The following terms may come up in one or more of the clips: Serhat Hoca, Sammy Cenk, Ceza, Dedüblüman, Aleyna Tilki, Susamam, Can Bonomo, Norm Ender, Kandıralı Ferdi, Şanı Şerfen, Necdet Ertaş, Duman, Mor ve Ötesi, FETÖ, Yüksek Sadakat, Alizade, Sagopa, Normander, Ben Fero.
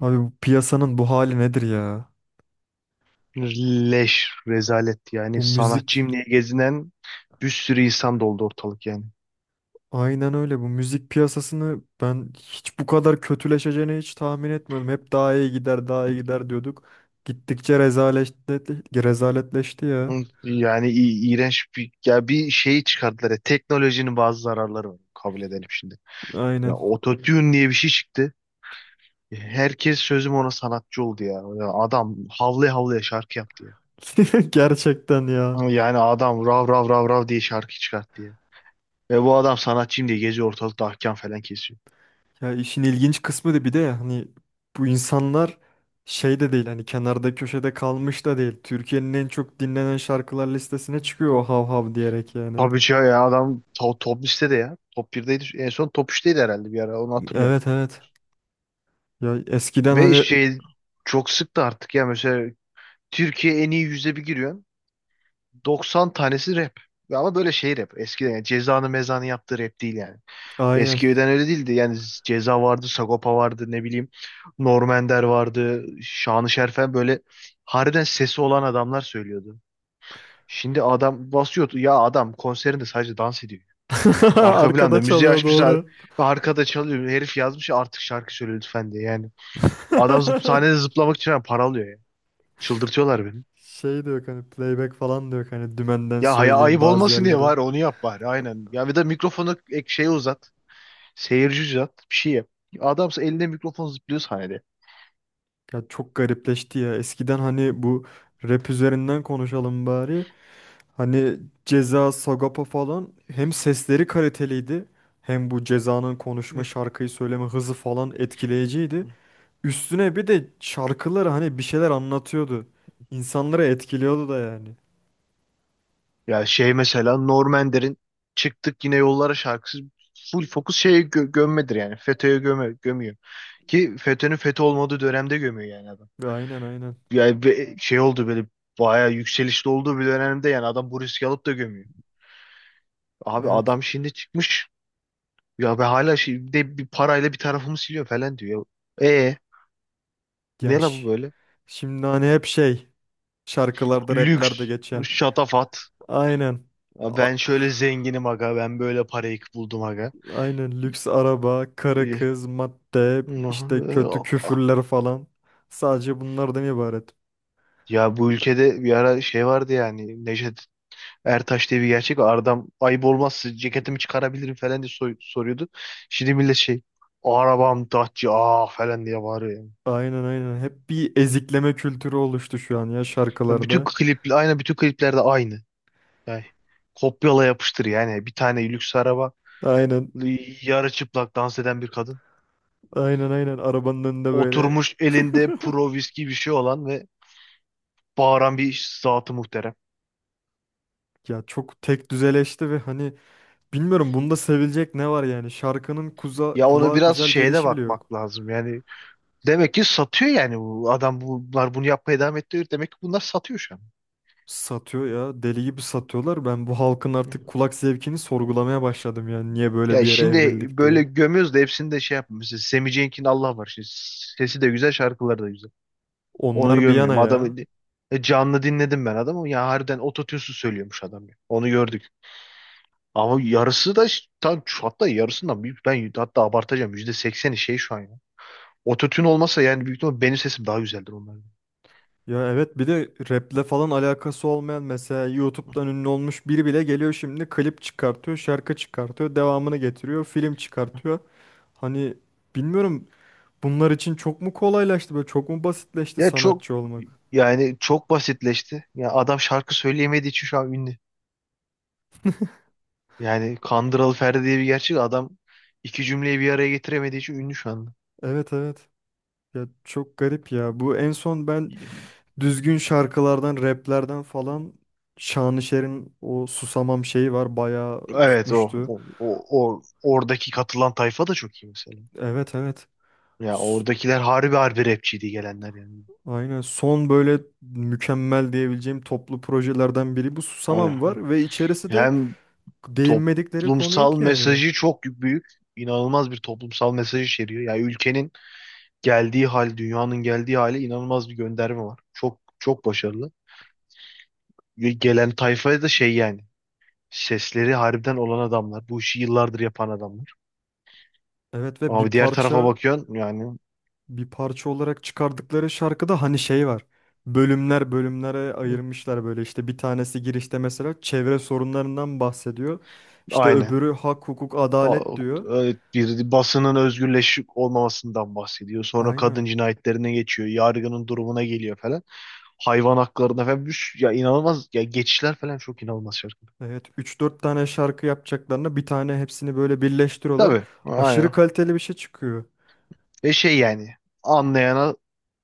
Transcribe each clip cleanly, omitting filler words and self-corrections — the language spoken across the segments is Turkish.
Abi bu piyasanın bu hali nedir ya? Leş, rezalet yani Bu müzik sanatçıyım diye gezinen bir sürü insan doldu ortalık yani. aynen öyle. Bu müzik piyasasını ben hiç bu kadar kötüleşeceğini hiç tahmin etmiyordum. Hep daha iyi gider, daha iyi gider diyorduk. Gittikçe rezaleşti, rezaletleşti ya. Yani iğrenç bir şey çıkardılar. Ya, teknolojinin bazı zararları var. Kabul edelim şimdi. Ya Aynen. ototune diye bir şey çıktı. Herkes sözüm ona sanatçı oldu ya. Ya adam havlaya havlaya şarkı yaptı ya. Gerçekten ya. Ama yani adam rav rav rav rav diye şarkı çıkarttı ya. Ve bu adam sanatçıyım diye geziyor ortalıkta ahkam falan kesiyor. Ya işin ilginç kısmı da bir de ya, hani bu insanlar şey de değil hani kenarda köşede kalmış da değil. Türkiye'nin en çok dinlenen şarkılar listesine çıkıyor o hav hav diyerek yani. Tabii ki ya adam top listede ya. Top birdeydi. En son top 3'teydi herhalde, bir ara onu hatırlıyorum. Evet evet. Ya eskiden Ve hani şey, çok sıktı artık ya, mesela Türkiye en iyi yüzde bir giriyorsun. 90 tanesi rap. Ve ama böyle şey rap. Eskiden yani Ceza'nın Meza'nın yaptığı rap değil yani. aynen. Eskiden öyle değildi. Yani Ceza vardı, Sagopa vardı, ne bileyim Norm Ender vardı, Şanı Şerfen, böyle harbiden sesi olan adamlar söylüyordu. Şimdi adam basıyordu. Ya adam konserinde sadece dans ediyor. Arka Arkada planda müziği çalıyor açmışlar doğru. ve arkada çalıyor. Herif yazmış ya, artık şarkı söyle lütfen diye yani. Adam zıp, sahnede zıplamak için yani para alıyor ya. Çıldırtıyorlar beni. Şey diyor hani playback falan diyor hani dümenden Ya haya söyleyeyim ayıp bazı olmasın diye yerleri. var, onu yap bari aynen. Ya bir de mikrofonu ek şeye uzat. Seyirci uzat, bir şey yap. Adamsa elinde mikrofon zıplıyor sahnede. Ya çok garipleşti ya. Eskiden hani bu rap üzerinden konuşalım bari. Hani Ceza, Sagopa falan hem sesleri kaliteliydi hem bu Ceza'nın konuşma, şarkıyı söyleme hızı falan etkileyiciydi. Üstüne bir de şarkıları hani bir şeyler anlatıyordu. İnsanları etkiliyordu da yani. Ya şey, mesela Normander'in çıktık yine yollara şarkısı full fokus şeye gömmedir yani. FETÖ'ye göme gömüyor. Ki FETÖ'nün FETÖ olmadığı dönemde gömüyor yani adam. Aynen aynen. Yani şey oldu, böyle bayağı yükselişli olduğu bir dönemde yani adam bu riski alıp da gömüyor. Abi Evet. adam şimdi çıkmış ya be, hala şey, bir de bir parayla bir tarafımı siliyor falan diyor. E, ne la bu Yaş. böyle? Şimdi hani hep şey şarkılarda raplerde Lüks, geçen. şatafat. Aynen. Ya A- ben şöyle zenginim aga, ben böyle parayı buldum aga. aynen lüks araba, karı E, kız, madde, işte kötü küfürler falan. Sadece bunlardan ibaret. ya bu ülkede bir ara şey vardı yani Necdet Ertaş diye bir gerçek var. Adam ayıp olmazsa ceketimi çıkarabilirim falan diye soruyordu. Şimdi millet şey, arabam Dacia ah falan diye bağırıyor yani. Aynen aynen. Hep bir ezikleme kültürü oluştu şu an ya Ya bütün şarkılarda. klip aynı, bütün kliplerde aynı. Yani kopyala yapıştır yani, bir tane lüks araba, Aynen. yarı çıplak dans eden bir kadın. Aynen aynen. Arabanın önünde böyle Oturmuş elinde pro viski bir şey olan ve bağıran bir zatı muhterem. ya çok tek düzeleşti ve hani bilmiyorum bunda sevilecek ne var yani. Şarkının kuza, Ya ona kulağa biraz güzel şeye de gelişi bile yok. bakmak lazım yani, demek ki satıyor yani, bu adam bunlar bunu yapmaya devam ettiriyor. Demek ki bunlar satıyor şu an. Satıyor ya. Deli gibi satıyorlar. Ben bu halkın Hı. artık kulak zevkini sorgulamaya başladım yani. Niye böyle Ya bir yere şimdi evrildik böyle diye. gömüyoruz da hepsini de şey yapmıyor. Mesela Sammy Cenk'in Allah var. Şimdi sesi de güzel, şarkıları da güzel. Onu Onlar bir yana gömüyorum. Adamı, ya. e, canlı dinledim ben adamı. Ya harbiden ototune'suz söylüyormuş adam ya. Onu gördük. Ama yarısı da tam hatta yarısından büyük. Ben hatta abartacağım. %80'i şey şu an ya. Ototune olmasa yani büyük ihtimalle benim sesim daha güzeldir onlardan. Ya evet bir de raple falan alakası olmayan mesela YouTube'dan ünlü olmuş biri bile geliyor şimdi klip çıkartıyor, şarkı çıkartıyor, devamını getiriyor, film çıkartıyor. Hani bilmiyorum bunlar için çok mu kolaylaştı böyle çok mu basitleşti Ya çok sanatçı olmak? yani, çok basitleşti. Ya adam şarkı söyleyemediği için şu an ünlü. Yani Kandıralı Ferdi diye bir gerçek adam, iki cümleyi bir araya getiremediği için ünlü şu anda. Evet evet. Ya çok garip ya. Bu en son ben düzgün şarkılardan, raplerden falan Şanışer'in o Susamam şeyi var. Bayağı Evet tutmuştu. Oradaki katılan tayfa da çok iyi mesela. Evet evet. Ya S- oradakiler harbi harbi rapçiydi gelenler yani. aynen son böyle mükemmel diyebileceğim toplu projelerden biri bu Susamam Aynen. var ve içerisi de Hem değinmedikleri konu toplumsal yok yani. mesajı çok büyük, inanılmaz bir toplumsal mesaj içeriyor. Yani ülkenin geldiği hal, dünyanın geldiği hale inanılmaz bir gönderme var. Çok çok başarılı. Ve gelen tayfaya da şey yani. Sesleri harbiden olan adamlar. Bu işi yıllardır yapan adamlar. Evet ve Ama bir bir diğer tarafa parça bakıyorsun yani. bir parça olarak çıkardıkları şarkıda hani şey var. Bölümler bölümlere Hı, ayırmışlar böyle işte bir tanesi girişte mesela çevre sorunlarından bahsediyor. İşte aynen. öbürü hak hukuk Ha, adalet diyor. evet, bir basının özgürleşik olmamasından bahsediyor. Sonra kadın Aynen. cinayetlerine geçiyor. Yargının durumuna geliyor falan. Hayvan haklarına falan. Ya, inanılmaz. Ya geçişler falan, çok inanılmaz şarkı. Evet üç dört tane şarkı yapacaklarına bir tane hepsini böyle birleştiriyorlar. Tabii. Aşırı Aynen. kaliteli bir şey çıkıyor. Ve şey yani. Anlayana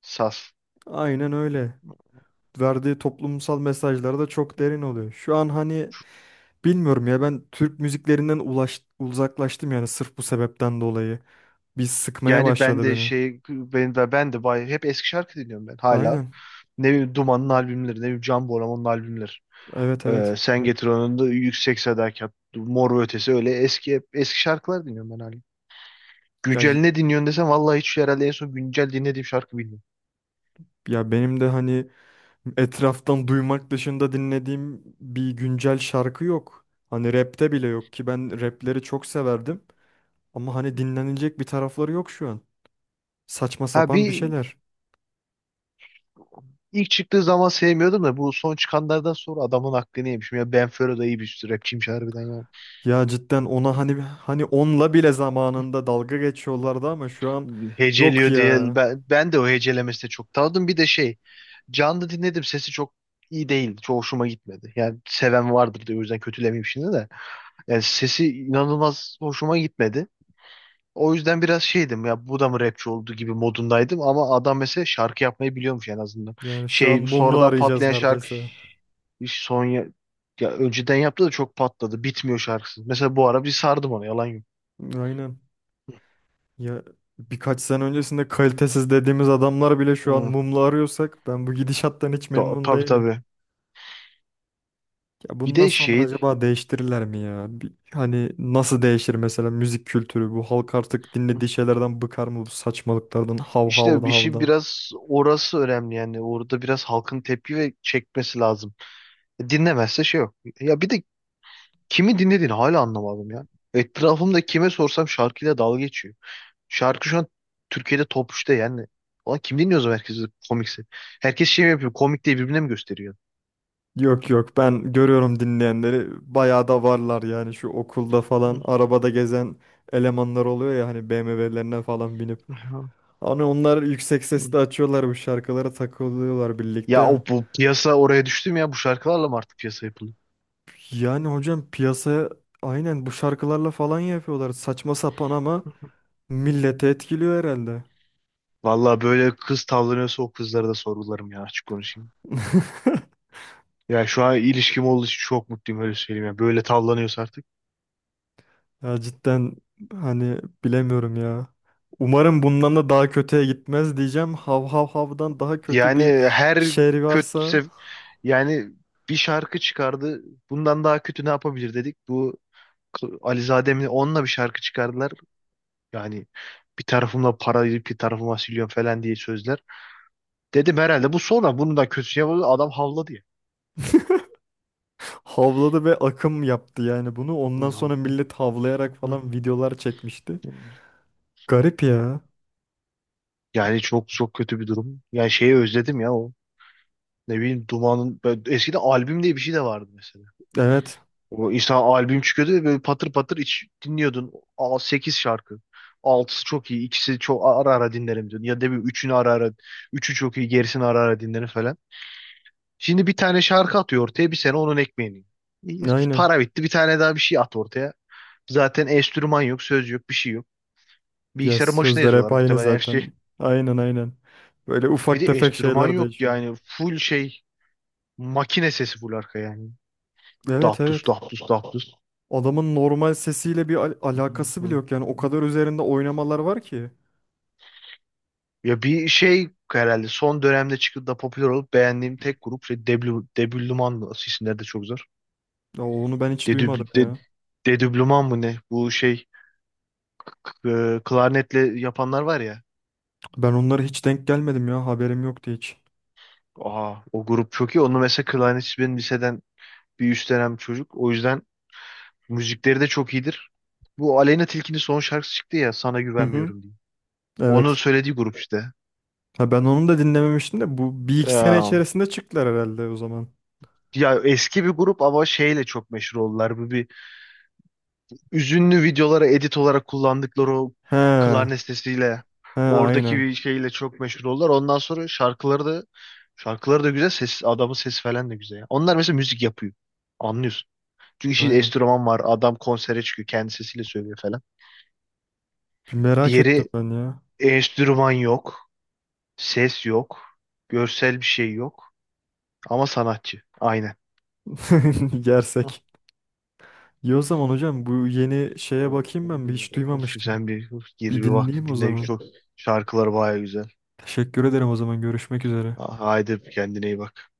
sas. Aynen öyle. Verdiği toplumsal mesajları da çok derin oluyor. Şu an hani bilmiyorum ya ben Türk müziklerinden ulaş, uzaklaştım yani sırf bu sebepten dolayı. Bir sıkmaya Yani ben başladı de beni. şey, hep eski şarkı dinliyorum ben hala. Aynen. Ne bileyim Duman'ın albümleri, ne bileyim Can Bonomo'nun albümleri. Evet evet. Sen Getir Onu da, Yüksek Sadakat, Mor ve Ötesi, öyle eski eski şarkılar dinliyorum ben hala. Ya Güncel y- ne dinliyorsun desem vallahi hiç, herhalde en son güncel dinlediğim şarkı bilmiyorum. ya benim de hani etraftan duymak dışında dinlediğim bir güncel şarkı yok. Hani rapte bile yok ki ben rapleri çok severdim. Ama hani dinlenilecek bir tarafları yok şu an. Saçma Ha sapan bir bir, şeyler. ilk çıktığı zaman sevmiyordum da bu son çıkanlardan sonra adamın aklını yemişim. Ya Ben Fero da iyi bir rapçiymiş harbiden ya. Ya cidden ona hani onunla bile zamanında dalga geçiyorlardı ama şu an yok Heceliyor diye ya. ben de o hecelemesi de çok tanıdım. Bir de şey, canlı dinledim, sesi çok iyi değil. Çok hoşuma gitmedi. Yani seven vardır diye o yüzden kötülemeyeyim şimdi de. Yani sesi inanılmaz hoşuma gitmedi. O yüzden biraz şeydim ya, bu da mı rapçi oldu gibi modundaydım, ama adam mesela şarkı yapmayı biliyormuş en azından. Yani şu an Şey, mumla sonradan arayacağız patlayan şarkı neredeyse. son ya, ya önceden yaptı da çok patladı. Bitmiyor şarkısı. Mesela bu ara bir sardım ona, yalan yok. Aynen. Ya birkaç sene öncesinde kalitesiz dediğimiz adamlar bile şu an Hı, mumla arıyorsak ben bu gidişattan hiç memnun tabii değilim. tabii. Ya Bir bundan de sonra şey, acaba değiştirirler mi ya? Bir- hani nasıl değişir mesela müzik kültürü? Bu halk artık dinlediği şeylerden bıkar mı bu saçmalıklardan, hav işte havdan bir şey, havdan? biraz orası önemli yani, orada biraz halkın tepki ve çekmesi lazım. Dinlemezse şey yok. Ya bir de kimi dinlediğini hala anlamadım ya. Etrafımda kime sorsam şarkıyla dalga geçiyor. Şarkı şu an Türkiye'de top üçte yani. Ulan kim dinliyor o zaman herkesi, komikse? Herkes şey mi yapıyor? Komik diye birbirine mi gösteriyor? Yok yok ben görüyorum dinleyenleri bayağı da varlar yani şu okulda falan arabada gezen elemanlar oluyor ya hani BMW'lerine falan binip. Hani onlar yüksek sesle açıyorlar bu şarkılara takılıyorlar Ya birlikte. o, bu piyasa oraya düştü mü ya? Bu şarkılarla mı artık piyasa yapılıyor? Yani hocam piyasaya aynen bu şarkılarla falan yapıyorlar saçma sapan ama milleti etkiliyor herhalde. Vallahi böyle kız tavlanıyorsa o kızlara da sorgularım ya, açık konuşayım. Ya şu an ilişkim olduğu için çok mutluyum, öyle söyleyeyim ya. Böyle tavlanıyorsa artık. Ya cidden hani bilemiyorum ya. Umarım bundan da daha kötüye gitmez diyeceğim. Hav hav havdan daha kötü Yani bir her şey varsa kötü, yani bir şarkı çıkardı. Bundan daha kötü ne yapabilir dedik. Bu Alizade mi, onunla bir şarkı çıkardılar. Yani bir tarafımla para, bir tarafıma siliyorum falan diye sözler. Dedim herhalde bu sonra, bunu da kötü yapıldı. Adam havladı ya. havladı ve akım yaptı yani bunu. Ondan sonra millet havlayarak falan videolar çekmişti. Garip ya. Yani çok çok kötü bir durum. Yani şeyi özledim ya o. Ne bileyim Duman'ın eskiden albüm diye bir şey de vardı mesela. Evet. O insan albüm çıkıyordu ve böyle patır patır iç dinliyordun. Aa, 8 şarkı. Altısı çok iyi. İkisi çok ara ara dinlerim diyordun. Ya da bir üçünü ara ara. Üçü çok iyi. Gerisini ara ara dinlerim falan. Şimdi bir tane şarkı atıyor ortaya. Bir sene onun ekmeğini yiyor. İyi, Aynen. para bitti. Bir tane daha bir şey at ortaya. Zaten enstrüman yok. Söz yok. Bir şey yok. Ya Bilgisayarın başına sözler hep yazıyorlar aynı muhtemelen her şey. zaten. Aynen aynen. Böyle Bir ufak de tefek enstrüman şeyler yok değişiyor. yani. Full şey. Makine sesi full arka yani. Evet Daptus evet. daptus daptus. Adamın normal sesiyle bir alakası bile yok yani. O kadar üzerinde oynamalar var ki. Ya bir şey herhalde son dönemde çıkıp da popüler olup beğendiğim tek grup şey, Debluman mı? Asıl isimleri de çok zor. Ya onu ben hiç Dedübl, duymadım de, ya. Dedüblüman mı ne? Bu şey, k- e, klarnetle yapanlar var ya. Ben onlara hiç denk gelmedim ya. Haberim yoktu hiç. Aa, o grup çok iyi. Onu, mesela klarnetçi benim liseden bir üst dönem çocuk. O yüzden müzikleri de çok iyidir. Bu Aleyna Tilki'nin son şarkısı çıktı ya, Sana Hı hı. Güvenmiyorum diye. Onun Evet. söylediği grup işte. Ha ben onu da dinlememiştim de bu bir iki sene Ya, içerisinde çıktılar herhalde o zaman. ya eski bir grup ama şeyle çok meşhur oldular. Bu bir, üzünlü videolara edit olarak kullandıkları o He. klarnet sesiyle, He oradaki aynen. bir şeyle çok meşhur oldular. Ondan sonra şarkıları da, şarkıları da güzel, ses, adamın sesi falan da güzel. Onlar mesela müzik yapıyor. Anlıyorsun. Çünkü şimdi Aynen. enstrüman var. Adam konsere çıkıyor. Kendi sesiyle söylüyor falan. Bir merak ettim Diğeri ben ya. enstrüman yok. Ses yok. Görsel bir şey yok. Ama sanatçı. Aynen. Hı. Yersek. İyi o zaman hocam bu yeni şeye bakayım ben bir hiç duymamıştım. Sen bir gir Bir bir bak dinleyeyim o dinle, zaman. çok şarkıları baya güzel. Teşekkür ederim o zaman görüşmek üzere. Haydi kendine iyi bak.